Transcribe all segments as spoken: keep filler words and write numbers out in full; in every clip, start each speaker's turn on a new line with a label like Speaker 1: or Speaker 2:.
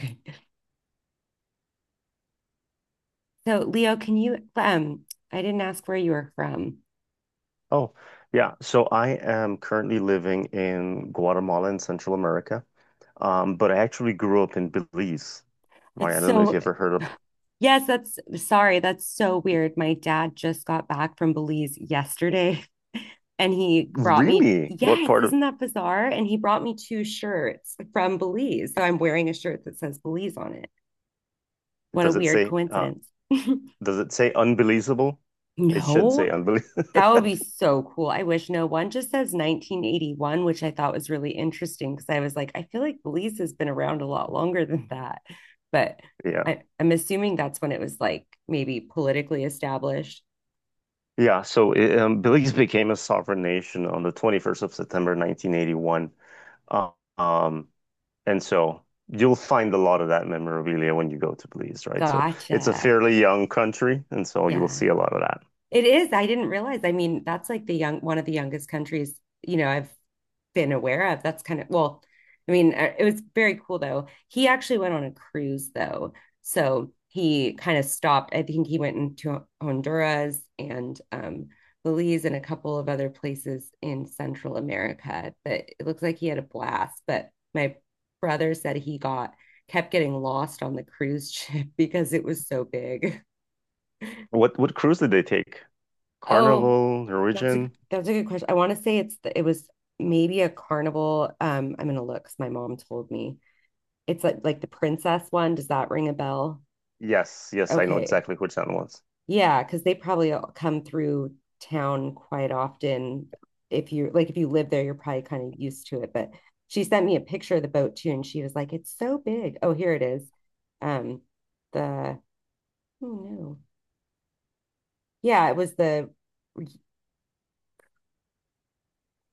Speaker 1: Okay. So, Leo, can you? Um, I didn't ask where you were from.
Speaker 2: Oh, yeah. So I am currently living in Guatemala in Central America. Um, but I actually grew up in Belize,
Speaker 1: That's
Speaker 2: right? I don't know if you
Speaker 1: so,
Speaker 2: ever heard of
Speaker 1: yes, that's sorry. That's so weird. My dad just got back from Belize yesterday and he brought me,
Speaker 2: really what
Speaker 1: yes,
Speaker 2: part of
Speaker 1: isn't that bizarre? And he brought me two shirts from Belize. So, I'm wearing a shirt that says Belize on it. What a
Speaker 2: does it
Speaker 1: weird
Speaker 2: say uh
Speaker 1: coincidence.
Speaker 2: does it say unbelievable? It should
Speaker 1: No.
Speaker 2: say unbelievable.
Speaker 1: That would be so cool. I wish no one just says nineteen eighty-one, which I thought was really interesting because I was like, I feel like Belize has been around a lot longer than that. But
Speaker 2: Yeah.
Speaker 1: I, I'm assuming that's when it was like maybe politically established.
Speaker 2: Yeah, so it, um, Belize became a sovereign nation on the twenty-first of September nineteen eighty-one. Um, And so you'll find a lot of that memorabilia when you go to Belize, right? So it's a
Speaker 1: Gotcha.
Speaker 2: fairly young country, and so you'll
Speaker 1: Yeah.
Speaker 2: see a lot of that.
Speaker 1: It is. I didn't realize. I mean, that's like the young one of the youngest countries, you know, I've been aware of. That's kind of well, I mean, uh, it was very cool though. He actually went on a cruise though. So he kind of stopped. I think he went into Honduras and um Belize and a couple of other places in Central America. But it looks like he had a blast. But my brother said he got kept getting lost on the cruise ship because it was so big.
Speaker 2: What what cruise did they take?
Speaker 1: Oh,
Speaker 2: Carnival,
Speaker 1: that's a
Speaker 2: Norwegian?
Speaker 1: that's a good question. I want to say it's the, it was maybe a carnival. Um, I'm gonna look 'cause my mom told me. It's like like the princess one. Does that ring a bell?
Speaker 2: Yes, yes, I know
Speaker 1: Okay.
Speaker 2: exactly which that was.
Speaker 1: Yeah, because they probably all come through town quite often. If you like if you live there, you're probably kind of used to it. But she sent me a picture of the boat too, and she was like, it's so big. Oh, here it is. Um, the oh no. Yeah, it was the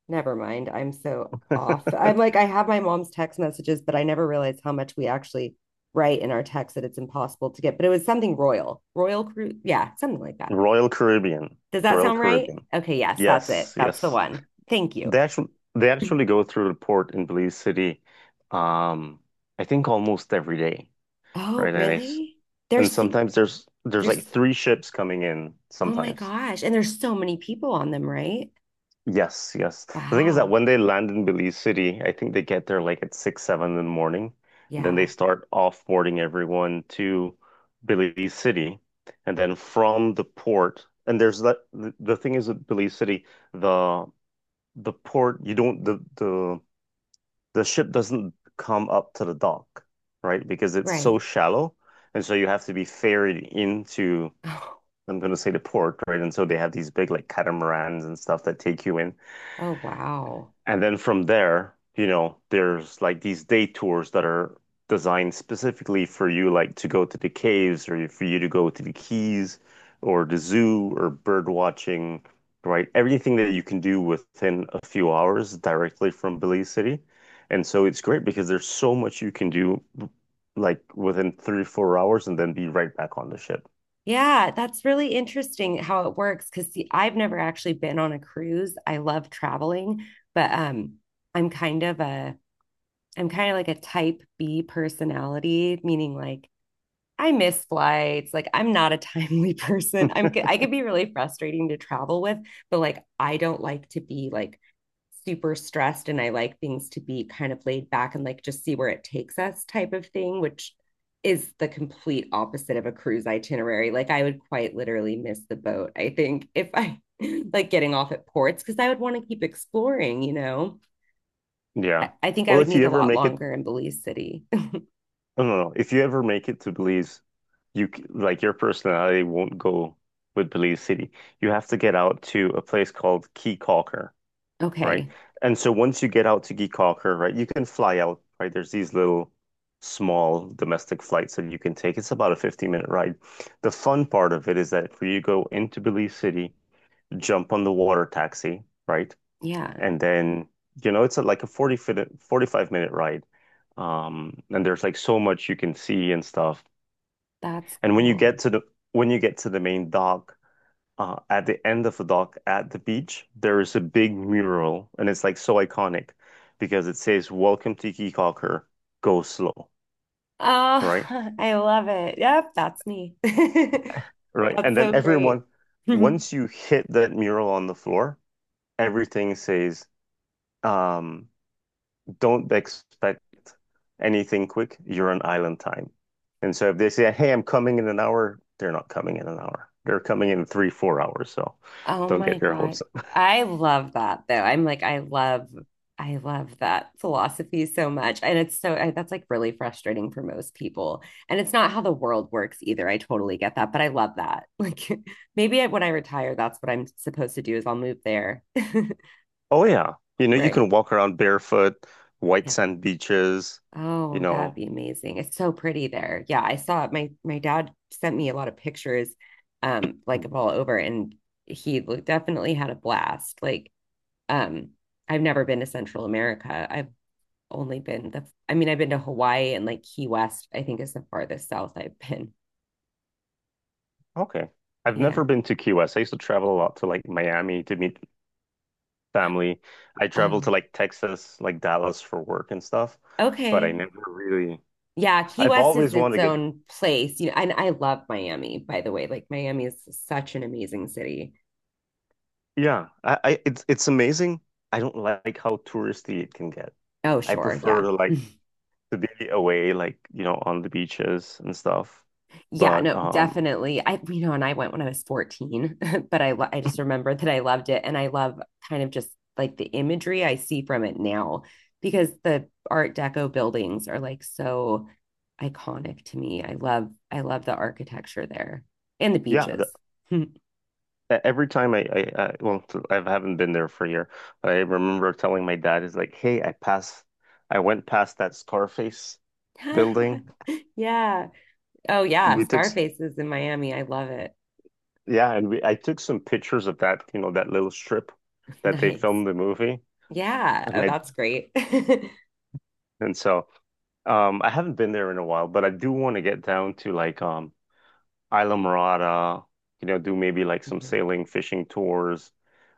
Speaker 1: never mind. I'm so off. I'm like, I have my mom's text messages, but I never realized how much we actually write in our text that it's impossible to get. But it was something royal, royal crew. Yeah, something like that.
Speaker 2: Royal Caribbean.
Speaker 1: Does that
Speaker 2: Royal
Speaker 1: sound right?
Speaker 2: Caribbean.
Speaker 1: Okay, yes, that's it.
Speaker 2: Yes,
Speaker 1: That's the
Speaker 2: yes.
Speaker 1: one. Thank you.
Speaker 2: They actually they actually go through the port in Belize City, um, I think almost every day,
Speaker 1: Oh,
Speaker 2: right? And I,
Speaker 1: really?
Speaker 2: And
Speaker 1: There's
Speaker 2: sometimes there's there's like
Speaker 1: there's
Speaker 2: three ships coming in
Speaker 1: oh my
Speaker 2: sometimes.
Speaker 1: gosh. And there's so many people on them, right?
Speaker 2: Yes, yes. The thing is that
Speaker 1: Wow.
Speaker 2: when they land in Belize City, I think they get there like at six, seven in the morning. And then they
Speaker 1: Yeah,
Speaker 2: start offboarding everyone to Belize City. And then from the port, and there's that the, the thing is with Belize City, the the port, you don't the the the ship doesn't come up to the dock, right? Because it's so
Speaker 1: right.
Speaker 2: shallow. And so you have to be ferried into,
Speaker 1: Oh,
Speaker 2: I'm going to say, the port, right? And so they have these big like catamarans and stuff that take you in.
Speaker 1: oh wow.
Speaker 2: And then from there, you know, there's like these day tours that are designed specifically for you, like to go to the caves or for you to go to the keys or the zoo or bird watching, right? Everything that you can do within a few hours directly from Belize City. And so it's great because there's so much you can do like within three, four hours and then be right back on the ship.
Speaker 1: Yeah, that's really interesting how it works because see, I've never actually been on a cruise. I love traveling, but um I'm kind of a I'm kind of like a type B personality, meaning like I miss flights. Like I'm not a timely person. I'm I could be really frustrating to travel with, but like I don't like to be like super stressed and I like things to be kind of laid back and like just see where it takes us type of thing, which is the complete opposite of a cruise itinerary. Like I would quite literally miss the boat, I think, if I like getting off at ports because I would want to keep exploring, you know.
Speaker 2: Yeah.
Speaker 1: I, I think I
Speaker 2: Well,
Speaker 1: would
Speaker 2: if
Speaker 1: need
Speaker 2: you
Speaker 1: a
Speaker 2: ever
Speaker 1: lot
Speaker 2: make it
Speaker 1: longer in Belize City.
Speaker 2: No, no, no. If you ever make it to Belize, you c- like your personality won't go with Belize City. You have to get out to a place called Key Calker, right?
Speaker 1: Okay.
Speaker 2: And so once you get out to Key Calker, right, you can fly out, right? There's these little small domestic flights that you can take. It's about a fifteen minute ride. The fun part of it is that for you go into Belize City, jump on the water taxi, right?
Speaker 1: Yeah,
Speaker 2: And then, you know, it's a, like a forty minute, forty-five minute ride. Um, and there's like so much you can see and stuff.
Speaker 1: that's
Speaker 2: And when you get
Speaker 1: cool.
Speaker 2: to the when you get to the main dock, uh, at the end of the dock at the beach, there is a big mural, and it's like so iconic because it says "Welcome to Kikaker, go slow." Right,
Speaker 1: Oh, I love it. Yep, that's me.
Speaker 2: right.
Speaker 1: That's
Speaker 2: And then
Speaker 1: so great.
Speaker 2: everyone, once you hit that mural on the floor, everything says um, don't expect anything quick. You're on island time. And so if they say, hey, I'm coming in an hour, they're not coming in an hour. They're coming in three, four hours. So
Speaker 1: Oh
Speaker 2: don't
Speaker 1: my
Speaker 2: get your
Speaker 1: God.
Speaker 2: hopes up.
Speaker 1: I love that though. I'm like, I love, I love that philosophy so much. And it's so, I, that's like really frustrating for most people. And it's not how the world works either. I totally get that, but I love that. Like maybe I, when I retire, that's what I'm supposed to do is I'll move there.
Speaker 2: Oh, yeah. You know, you
Speaker 1: Right.
Speaker 2: can walk around barefoot, white
Speaker 1: Yeah.
Speaker 2: sand beaches, you
Speaker 1: Oh, that would
Speaker 2: know.
Speaker 1: be amazing. It's so pretty there. Yeah, I saw it. My my dad sent me a lot of pictures um like
Speaker 2: Hmm.
Speaker 1: of all over and he lo- definitely had a blast. Like um I've never been to Central America. I've only been the I mean I've been to Hawaii and like Key West, I think is the farthest south I've been.
Speaker 2: Okay. I've
Speaker 1: Yeah.
Speaker 2: never been to Key West. I used to travel a lot to like Miami to meet family. I traveled
Speaker 1: Oh.
Speaker 2: to like Texas, like Dallas for work and stuff, but I
Speaker 1: Okay.
Speaker 2: never really,
Speaker 1: Yeah, Key
Speaker 2: I've
Speaker 1: West is
Speaker 2: always wanted
Speaker 1: its
Speaker 2: to get
Speaker 1: own place. You know, and I love Miami, by the way. Like Miami is such an amazing city.
Speaker 2: Yeah, I, I it's it's amazing. I don't like how touristy it can get.
Speaker 1: Oh,
Speaker 2: I
Speaker 1: sure.
Speaker 2: prefer
Speaker 1: Yeah.
Speaker 2: to like to be away, like you know, on the beaches and stuff.
Speaker 1: Yeah,
Speaker 2: But
Speaker 1: no,
Speaker 2: um,
Speaker 1: definitely. I, you know, and I went when I was fourteen, but I, lo- I just remember that I loved it. And I love kind of just like the imagery I see from it now because the Art Deco buildings are like so iconic to me. I love, I love the architecture there and the
Speaker 2: yeah, the,
Speaker 1: beaches.
Speaker 2: e- every time I, I I well, I haven't been there for a year. I remember telling my dad, is like, hey, I passed, I went past that Scarface building.
Speaker 1: Yeah. Oh, yeah.
Speaker 2: We took, s-
Speaker 1: Scarface is in Miami. I love it.
Speaker 2: yeah, and we I took some pictures of that, you know, that little strip that they
Speaker 1: Nice.
Speaker 2: filmed the movie,
Speaker 1: Yeah. Oh,
Speaker 2: and I
Speaker 1: that's great.
Speaker 2: and so. Um, I haven't been there in a while, but I do want to get down to like um Isla Morada, you know, do maybe like some
Speaker 1: Mhm.
Speaker 2: sailing, fishing tours.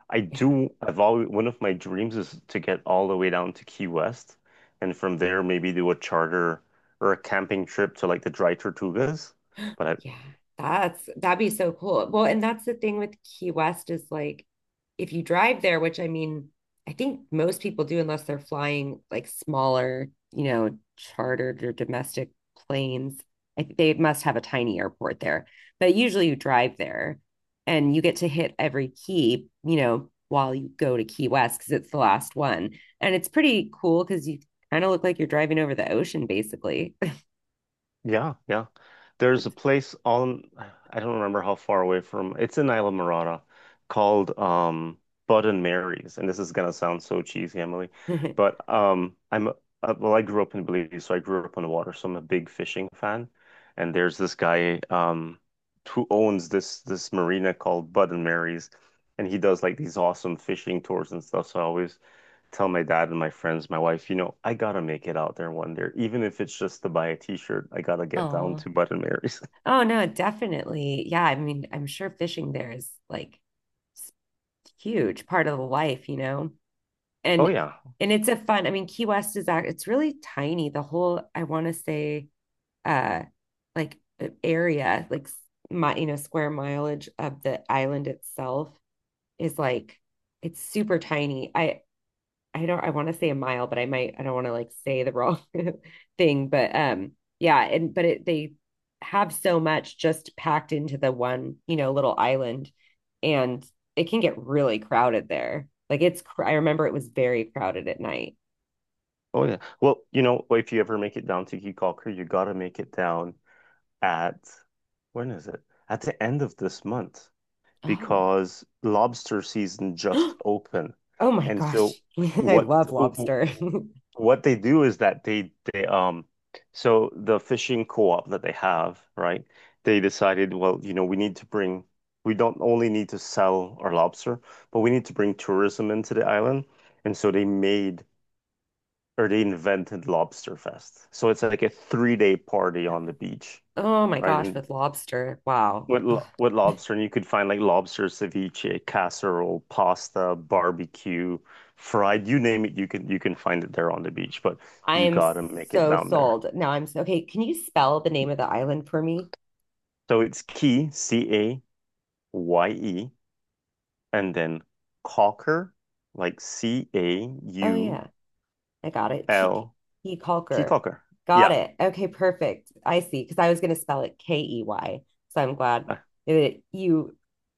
Speaker 2: I
Speaker 1: Yeah.
Speaker 2: do, I've always, one of my dreams is to get all the way down to Key West and from there maybe do a charter or a camping trip to like the Dry Tortugas. But I,
Speaker 1: Yeah, that's that'd be so cool. Well, and that's the thing with Key West is like if you drive there, which I mean, I think most people do unless they're flying like smaller, you know, chartered or domestic planes. I think they must have a tiny airport there. But usually you drive there and you get to hit every key, you know, while you go to Key West because it's the last one. And it's pretty cool because you kind of look like you're driving over the ocean basically
Speaker 2: Yeah, yeah. There's a
Speaker 1: it.
Speaker 2: place on, I don't remember how far away from, it's in Isla Morada called um Bud and Mary's. And this is gonna sound so cheesy, Emily, but um I'm uh, well, I grew up in Belize, so I grew up on the water, so I'm a big fishing fan. And there's this guy um who owns this this marina called Bud and Mary's, and he does like these awesome fishing tours and stuff. So I always tell my dad and my friends, my wife, you know, I gotta make it out there one day, even if it's just to buy a t-shirt. I gotta get down
Speaker 1: Oh,
Speaker 2: to Button Mary's.
Speaker 1: oh no, definitely. Yeah, I mean, I'm sure fishing there is like s- huge part of the life, you know.
Speaker 2: Oh
Speaker 1: And
Speaker 2: yeah,
Speaker 1: and it's a fun, I mean, Key West is act it's really tiny. The whole I want to say uh like uh, area, like s- my, you know, square mileage of the island itself is like it's super tiny. I I don't I want to say a mile, but I might I don't want to like say the wrong thing, but um yeah, and but it, they have so much just packed into the one, you know, little island and it can get really crowded there. Like it's cr- I remember it was very crowded at night.
Speaker 2: oh yeah. Well, you know, if you ever make it down to Key Calker, you gotta make it down at when is it? at the end of this month,
Speaker 1: Oh.
Speaker 2: because lobster season just opened.
Speaker 1: Oh my
Speaker 2: And so
Speaker 1: gosh. I
Speaker 2: what
Speaker 1: love lobster.
Speaker 2: what they do is that they they um so the fishing co-op that they have, right? They decided, well, you know, we need to bring we don't only need to sell our lobster, but we need to bring tourism into the island. And so they made or they invented Lobster Fest. So it's like a three-day party on the beach,
Speaker 1: Oh my
Speaker 2: right?
Speaker 1: gosh,
Speaker 2: And
Speaker 1: with lobster. Wow.
Speaker 2: what
Speaker 1: Ugh.
Speaker 2: lo what lobster? And you could find like lobster ceviche, casserole, pasta, barbecue, fried, you name it, you can you can find it there on the beach, but
Speaker 1: I
Speaker 2: you
Speaker 1: am
Speaker 2: gotta make it
Speaker 1: so
Speaker 2: down there.
Speaker 1: sold. Now I'm so, okay. Can you spell the name of the island for me?
Speaker 2: So it's Key, C A Y E, and then Cocker, like
Speaker 1: Oh,
Speaker 2: C A U L,
Speaker 1: yeah. I got it. Ke- Key
Speaker 2: Key
Speaker 1: Kalker.
Speaker 2: Cocker.
Speaker 1: Got
Speaker 2: Yeah.
Speaker 1: it. Okay, perfect. I see. Because I was going to spell it K E Y. So I'm glad
Speaker 2: Uh,
Speaker 1: that you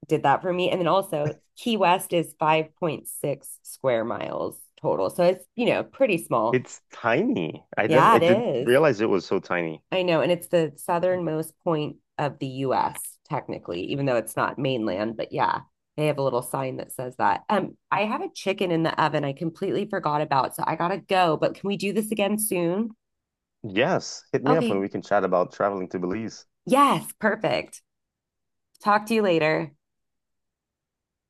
Speaker 1: did that for me. And then also, Key West is five point six square miles total. So it's, you know, pretty small.
Speaker 2: It's tiny. I never
Speaker 1: Yeah,
Speaker 2: I
Speaker 1: it
Speaker 2: didn't
Speaker 1: is.
Speaker 2: realize it was so tiny.
Speaker 1: I know, and it's the southernmost point of the U S, technically, even though it's not mainland, but yeah, they have a little sign that says that. Um, I have a chicken in the oven I completely forgot about, so I gotta go, but can we do this again soon?
Speaker 2: Yes, hit me up and
Speaker 1: Okay.
Speaker 2: we can chat about traveling to Belize.
Speaker 1: Yes, perfect. Talk to you later.